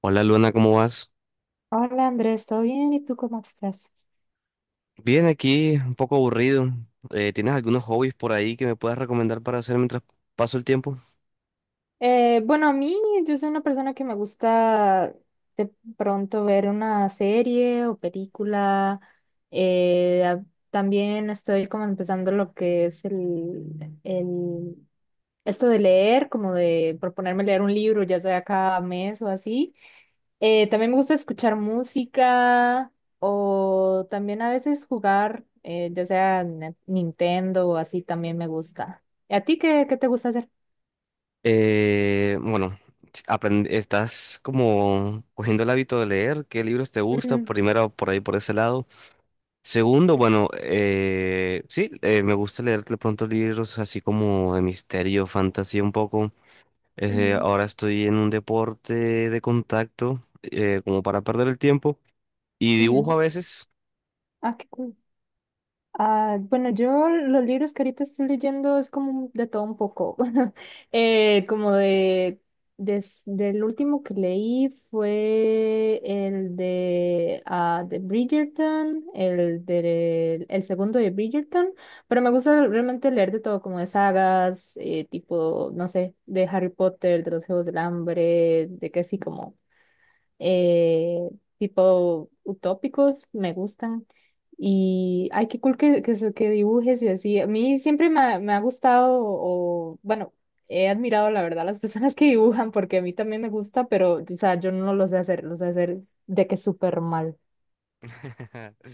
Hola Luna, ¿cómo vas? Hola Andrés, ¿todo bien? ¿Y tú cómo estás? Bien, aquí un poco aburrido. ¿Tienes algunos hobbies por ahí que me puedas recomendar para hacer mientras paso el tiempo? Bueno, a mí yo soy una persona que me gusta de pronto ver una serie o película. eh, a- También estoy como empezando lo que es el esto de leer, como de proponerme leer un libro, ya sea cada mes o así. También me gusta escuchar música o también a veces jugar, ya sea en Nintendo o así también me gusta. ¿Y a ti qué te gusta hacer? Bueno, estás como cogiendo el hábito de leer, ¿qué libros te gusta? Ujú. Primero, por ahí, por ese lado. Segundo, Sí. bueno, sí, me gusta leer de pronto libros así como de misterio, fantasía un poco. Ujú, Ahora estoy en un deporte de contacto, como para perder el tiempo. Y dibujo a ujú. veces. Ah, qué cool. Ah, bueno, yo los libros que ahorita estoy leyendo es de todo un poco. Eh, como de, Del último que leí fue el de, ah, de Bridgerton, el de el segundo de Bridgerton, pero me gusta realmente leer de todo, como de sagas, tipo, no sé, de Harry Potter, de los Juegos del Hambre, de que así como eh, tipo utópicos, me gustan. Y ay, qué cool que dibujes y así. A mí siempre me ha gustado, o bueno, he admirado la verdad las personas que dibujan, porque a mí también me gusta, pero o sea, yo no lo sé hacer, lo sé hacer de que súper mal.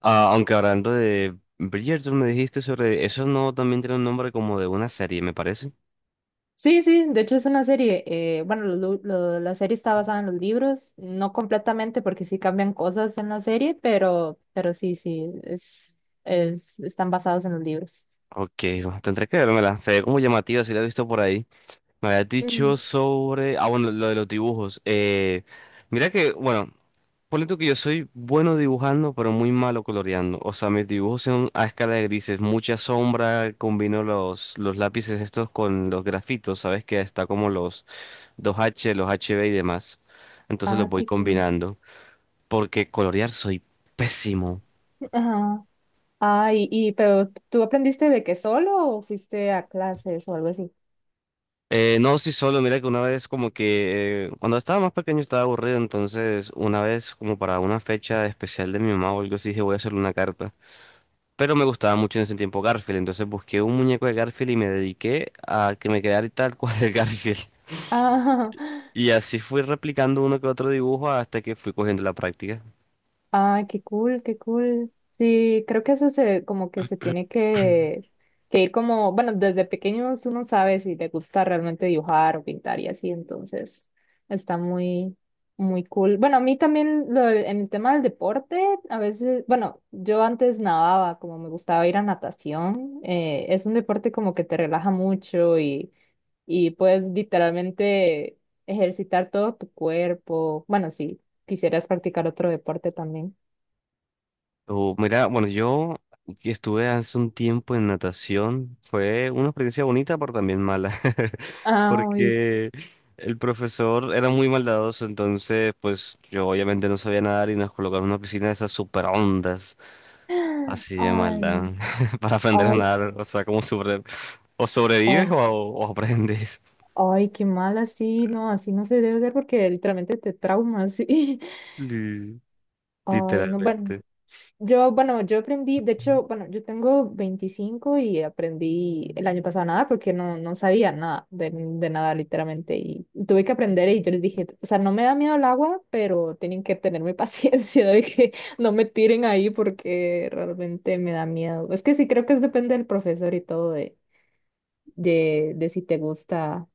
Ah, aunque hablando de Bridgerton, me dijiste sobre eso, no también tiene un nombre como de una serie, me parece. Sí, sí, de hecho es una serie. Bueno, la serie está basada en los libros, no completamente porque sí cambian cosas en la serie, pero sí, sí, es, están basados en los libros. Ok, bueno, tendré que vérmela. Se ve como llamativa, si la he visto por ahí. Me habías dicho sobre. Ah, bueno, lo de los dibujos. Mira que, bueno, ponle tú que yo soy bueno dibujando, pero muy malo coloreando. O sea, mis dibujos son a escala de grises, mucha sombra. Combino los lápices estos con los grafitos, ¿sabes? Que está como los dos h los HB y demás. Entonces los Ah, voy qué cool. combinando, porque colorear soy pésimo. Ajá. Ah, pero ¿tú aprendiste de que solo o fuiste a clases o algo así? No, sí, solo, mira que una vez como que cuando estaba más pequeño estaba aburrido, entonces una vez como para una fecha especial de mi mamá o algo así dije voy a hacerle una carta. Pero me gustaba mucho en ese tiempo Garfield, entonces busqué un muñeco de Garfield y me dediqué a que me quedara tal cual el Garfield. Ah. Y así fui replicando uno que otro dibujo hasta que fui cogiendo la práctica. Ah, qué cool, qué cool. Sí, creo que eso se como que que ir como, bueno, desde pequeños uno sabe si le gusta realmente dibujar o pintar y así, entonces está muy cool. Bueno, a mí también en el tema del deporte, a veces, bueno, yo antes nadaba, como me gustaba ir a natación, es un deporte como que te relaja mucho y puedes literalmente ejercitar todo tu cuerpo. Bueno, sí. ¿Quisieras practicar otro deporte también? O, mira, bueno, yo estuve hace un tiempo en natación. Fue una experiencia bonita, pero también mala. Ay, Porque el profesor era muy maldadoso, entonces, pues yo obviamente no sabía nadar y nos colocaron en una piscina de esas super ondas. Así de ay, maldad. Para aprender a ay, nadar, o sea, como sobre o sobrevives ay, o aprendes. ay, qué mal así no se debe hacer porque literalmente te traumas. Sí. Li- Ay, no, bueno. Literalmente. Yo, bueno, yo aprendí, de hecho, bueno, yo tengo 25 y aprendí el año pasado nada porque no, no sabía nada de nada literalmente y tuve que aprender y yo les dije, o sea, no me da miedo el agua, pero tienen que tenerme paciencia de que no me tiren ahí porque realmente me da miedo. Es que sí, creo que es depende del profesor y todo de si te gusta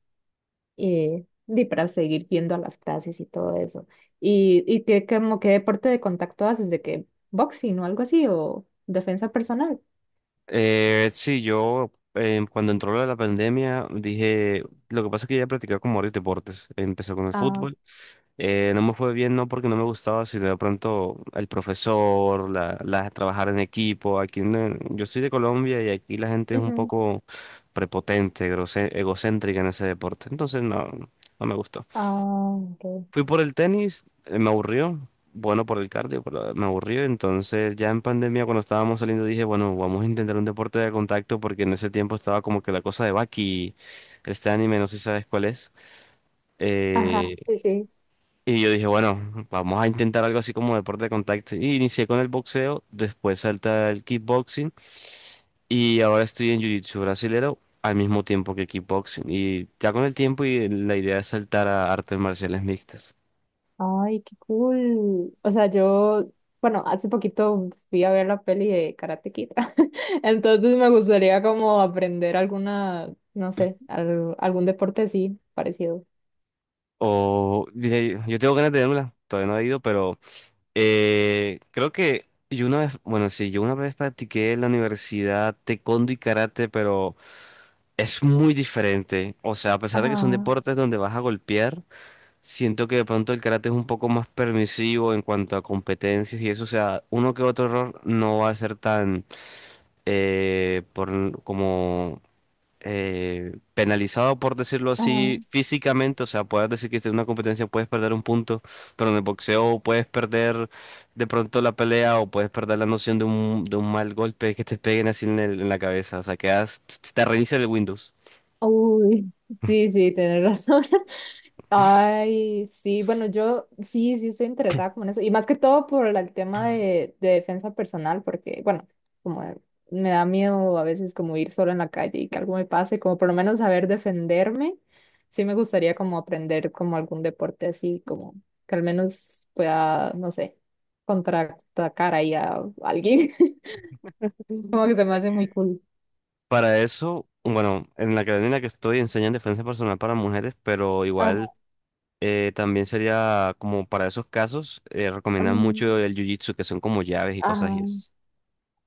y para seguir yendo a las clases y todo eso. Y qué, como, qué deporte de contacto haces? ¿De qué? ¿Boxing o algo así? ¿O defensa personal? Sí, yo cuando entró lo de la pandemia dije, lo que pasa es que ya practicaba como varios deportes. Empecé con el Ah, fútbol. No me fue bien, no porque no me gustaba, sino de pronto el profesor, trabajar en equipo. Aquí no- Yo soy de Colombia y aquí la gente es un ujú. poco prepotente, egocéntrica en ese deporte. Entonces no, no me gustó. Ah, ok. Fui por el tenis, me aburrió. Bueno, por el cardio, pero me aburrió. Entonces, ya en pandemia, cuando estábamos saliendo, dije, bueno, vamos a intentar un deporte de contacto, porque en ese tiempo estaba como que la cosa de Baki, este anime, no sé si sabes cuál es. Ajá, Eh, sí, sí. y yo dije, bueno, vamos a intentar algo así como deporte de contacto. Y inicié con el boxeo, después salta el kickboxing. Y ahora estoy en Jiu-Jitsu brasilero al mismo tiempo que kickboxing. Y ya con el tiempo, y la idea es saltar a artes marciales mixtas. Ay, qué cool. O sea, yo, bueno, hace poquito fui a ver la peli de Karate Kid, entonces me gustaría como aprender alguna, no sé, algún deporte así parecido. O dice, yo tengo ganas de dármela, todavía no he ido, pero creo que yo una vez, bueno, sí, yo una vez practiqué en la universidad taekwondo y karate, pero es muy diferente. O sea, a pesar de que son Ajá, deportes donde vas a golpear, siento que de pronto el karate es un poco más permisivo en cuanto a competencias y eso. O sea, uno que otro error no va a ser tan por, como penalizado, por decirlo ajá. así, físicamente. O sea, puedes decir que en una competencia puedes perder un punto, pero en el boxeo puedes perder de pronto la pelea o puedes perder la noción de un mal golpe que te peguen así en, en la cabeza. O sea, quedas, te reinicia el Windows. Uy. Sí, sí, tienes razón. Ay, sí, bueno, yo sí, sí estoy interesada como en eso. Y más que todo por el tema de defensa personal, porque, bueno, como me da miedo a veces como ir solo en la calle y que algo me pase, como por lo menos saber defenderme. Sí me gustaría como aprender como algún deporte así, como que al menos pueda, no sé, contraatacar ahí a alguien. Como que se me hace muy cool. Para eso, bueno, en la academia en la que estoy enseñan defensa personal para mujeres, pero Ajá, igual también sería como para esos casos. Recomiendan mm, mucho el jiu-jitsu, que son como llaves y cosas y ajá. eso.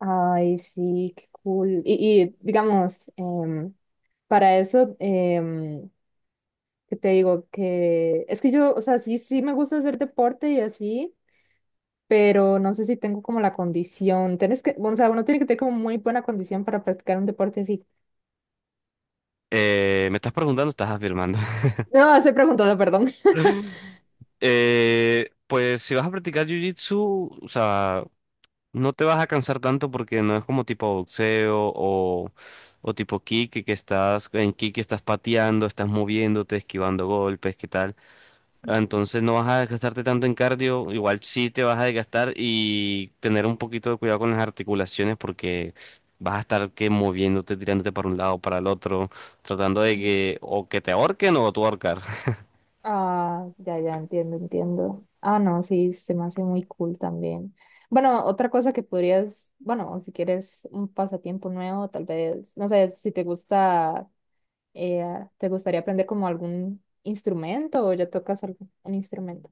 Ay, sí, qué cool. Y digamos, para eso, ¿qué te digo? Que es que yo, o sea, sí, sí me gusta hacer deporte y así, pero no sé si tengo como la condición. Tienes que, o sea, uno tiene que tener como muy buena condición para practicar un deporte así. Me estás preguntando, estás afirmando. No, estoy preguntando, perdón. Pues si vas a practicar jiu-jitsu, o sea, no te vas a cansar tanto porque no es como tipo boxeo o tipo kick, que estás en kick, estás pateando, estás moviéndote, esquivando golpes, ¿qué tal? Entonces no vas a desgastarte tanto en cardio, igual sí te vas a desgastar y tener un poquito de cuidado con las articulaciones porque vas a estar que moviéndote, tirándote para un lado, para el otro, tratando de Mm. que o que te ahorquen o tú ahorcar. Ah, ya, ya, entiendo, entiendo. Ah, no, sí, se me hace muy cool también. Bueno, otra cosa que podrías, bueno, si quieres un pasatiempo nuevo, tal vez, no sé, si te gusta Eh, ¿te gustaría aprender como algún instrumento o ya tocas algún un instrumento?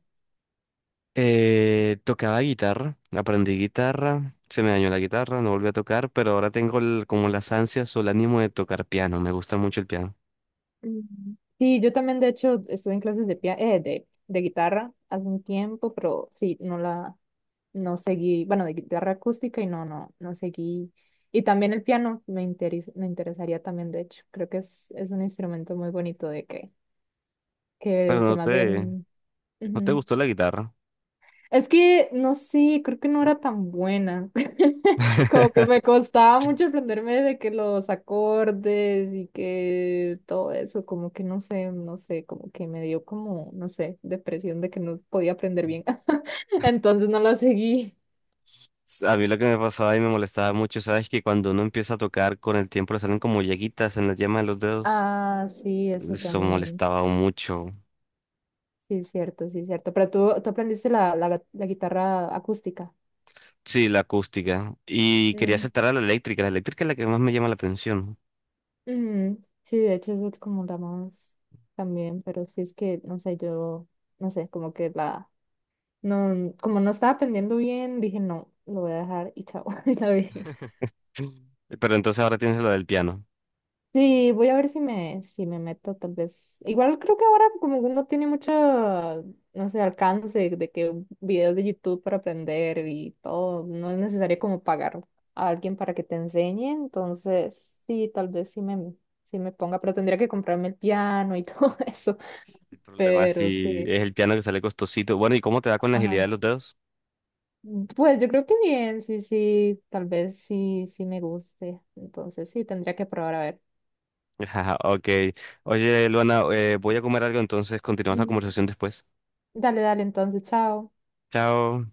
Tocaba guitarra, aprendí guitarra, se me dañó la guitarra, no volví a tocar, pero ahora tengo como las ansias o el ánimo de tocar piano, me gusta mucho el piano. Mm. Sí, yo también de hecho estuve en clases de guitarra hace un tiempo, pero sí, no seguí, bueno, de guitarra acústica y no, no, no seguí. Y también el piano me interesaría también, de hecho, creo que es un instrumento muy bonito de Pero que se no me hace, te, mm, no te ujú. gustó la guitarra. Es que, no sé, creo que no era tan buena. Como que me costaba mucho aprenderme de que los acordes y que todo eso, como que no sé, no sé, como que me dio como, no sé, depresión de que no podía aprender bien. Entonces no la seguí. A mí lo que me pasaba y me molestaba mucho, sabes que cuando uno empieza a tocar con el tiempo le salen como llaguitas en la yema de los dedos. Ah, sí, eso Eso también. molestaba mucho. Sí, es cierto, sí, es cierto. Pero tú aprendiste la guitarra acústica. Sí, la acústica. Y quería Mm. aceptar a la eléctrica. La eléctrica es la que más me llama la atención. Ujú. Sí, de hecho eso es como la más también, pero sí es que, no sé, yo, no sé, no, como no estaba aprendiendo bien, dije no, lo voy a dejar y chao, y la dejé. Pero entonces ahora tienes lo del piano. Sí, voy a ver si me meto tal vez. Igual creo que ahora como que no tiene mucho, no sé, alcance de que videos de YouTube para aprender y todo, no es necesario como pagar a alguien para que te enseñe, entonces sí, tal vez sí me ponga, pero tendría que comprarme el piano y todo eso, Pues el problema pero si sí. es el piano, que sale costosito. Bueno, ¿y cómo te va con la agilidad Ajá. de los dedos? Pues yo creo que bien, sí, sí, tal vez sí, sí me guste, entonces sí, tendría que probar a ver. Ajá, ok. Oye, Luana, voy a comer algo, entonces continuamos la Ujú. conversación después. Dale, dale, entonces, chao. Chao.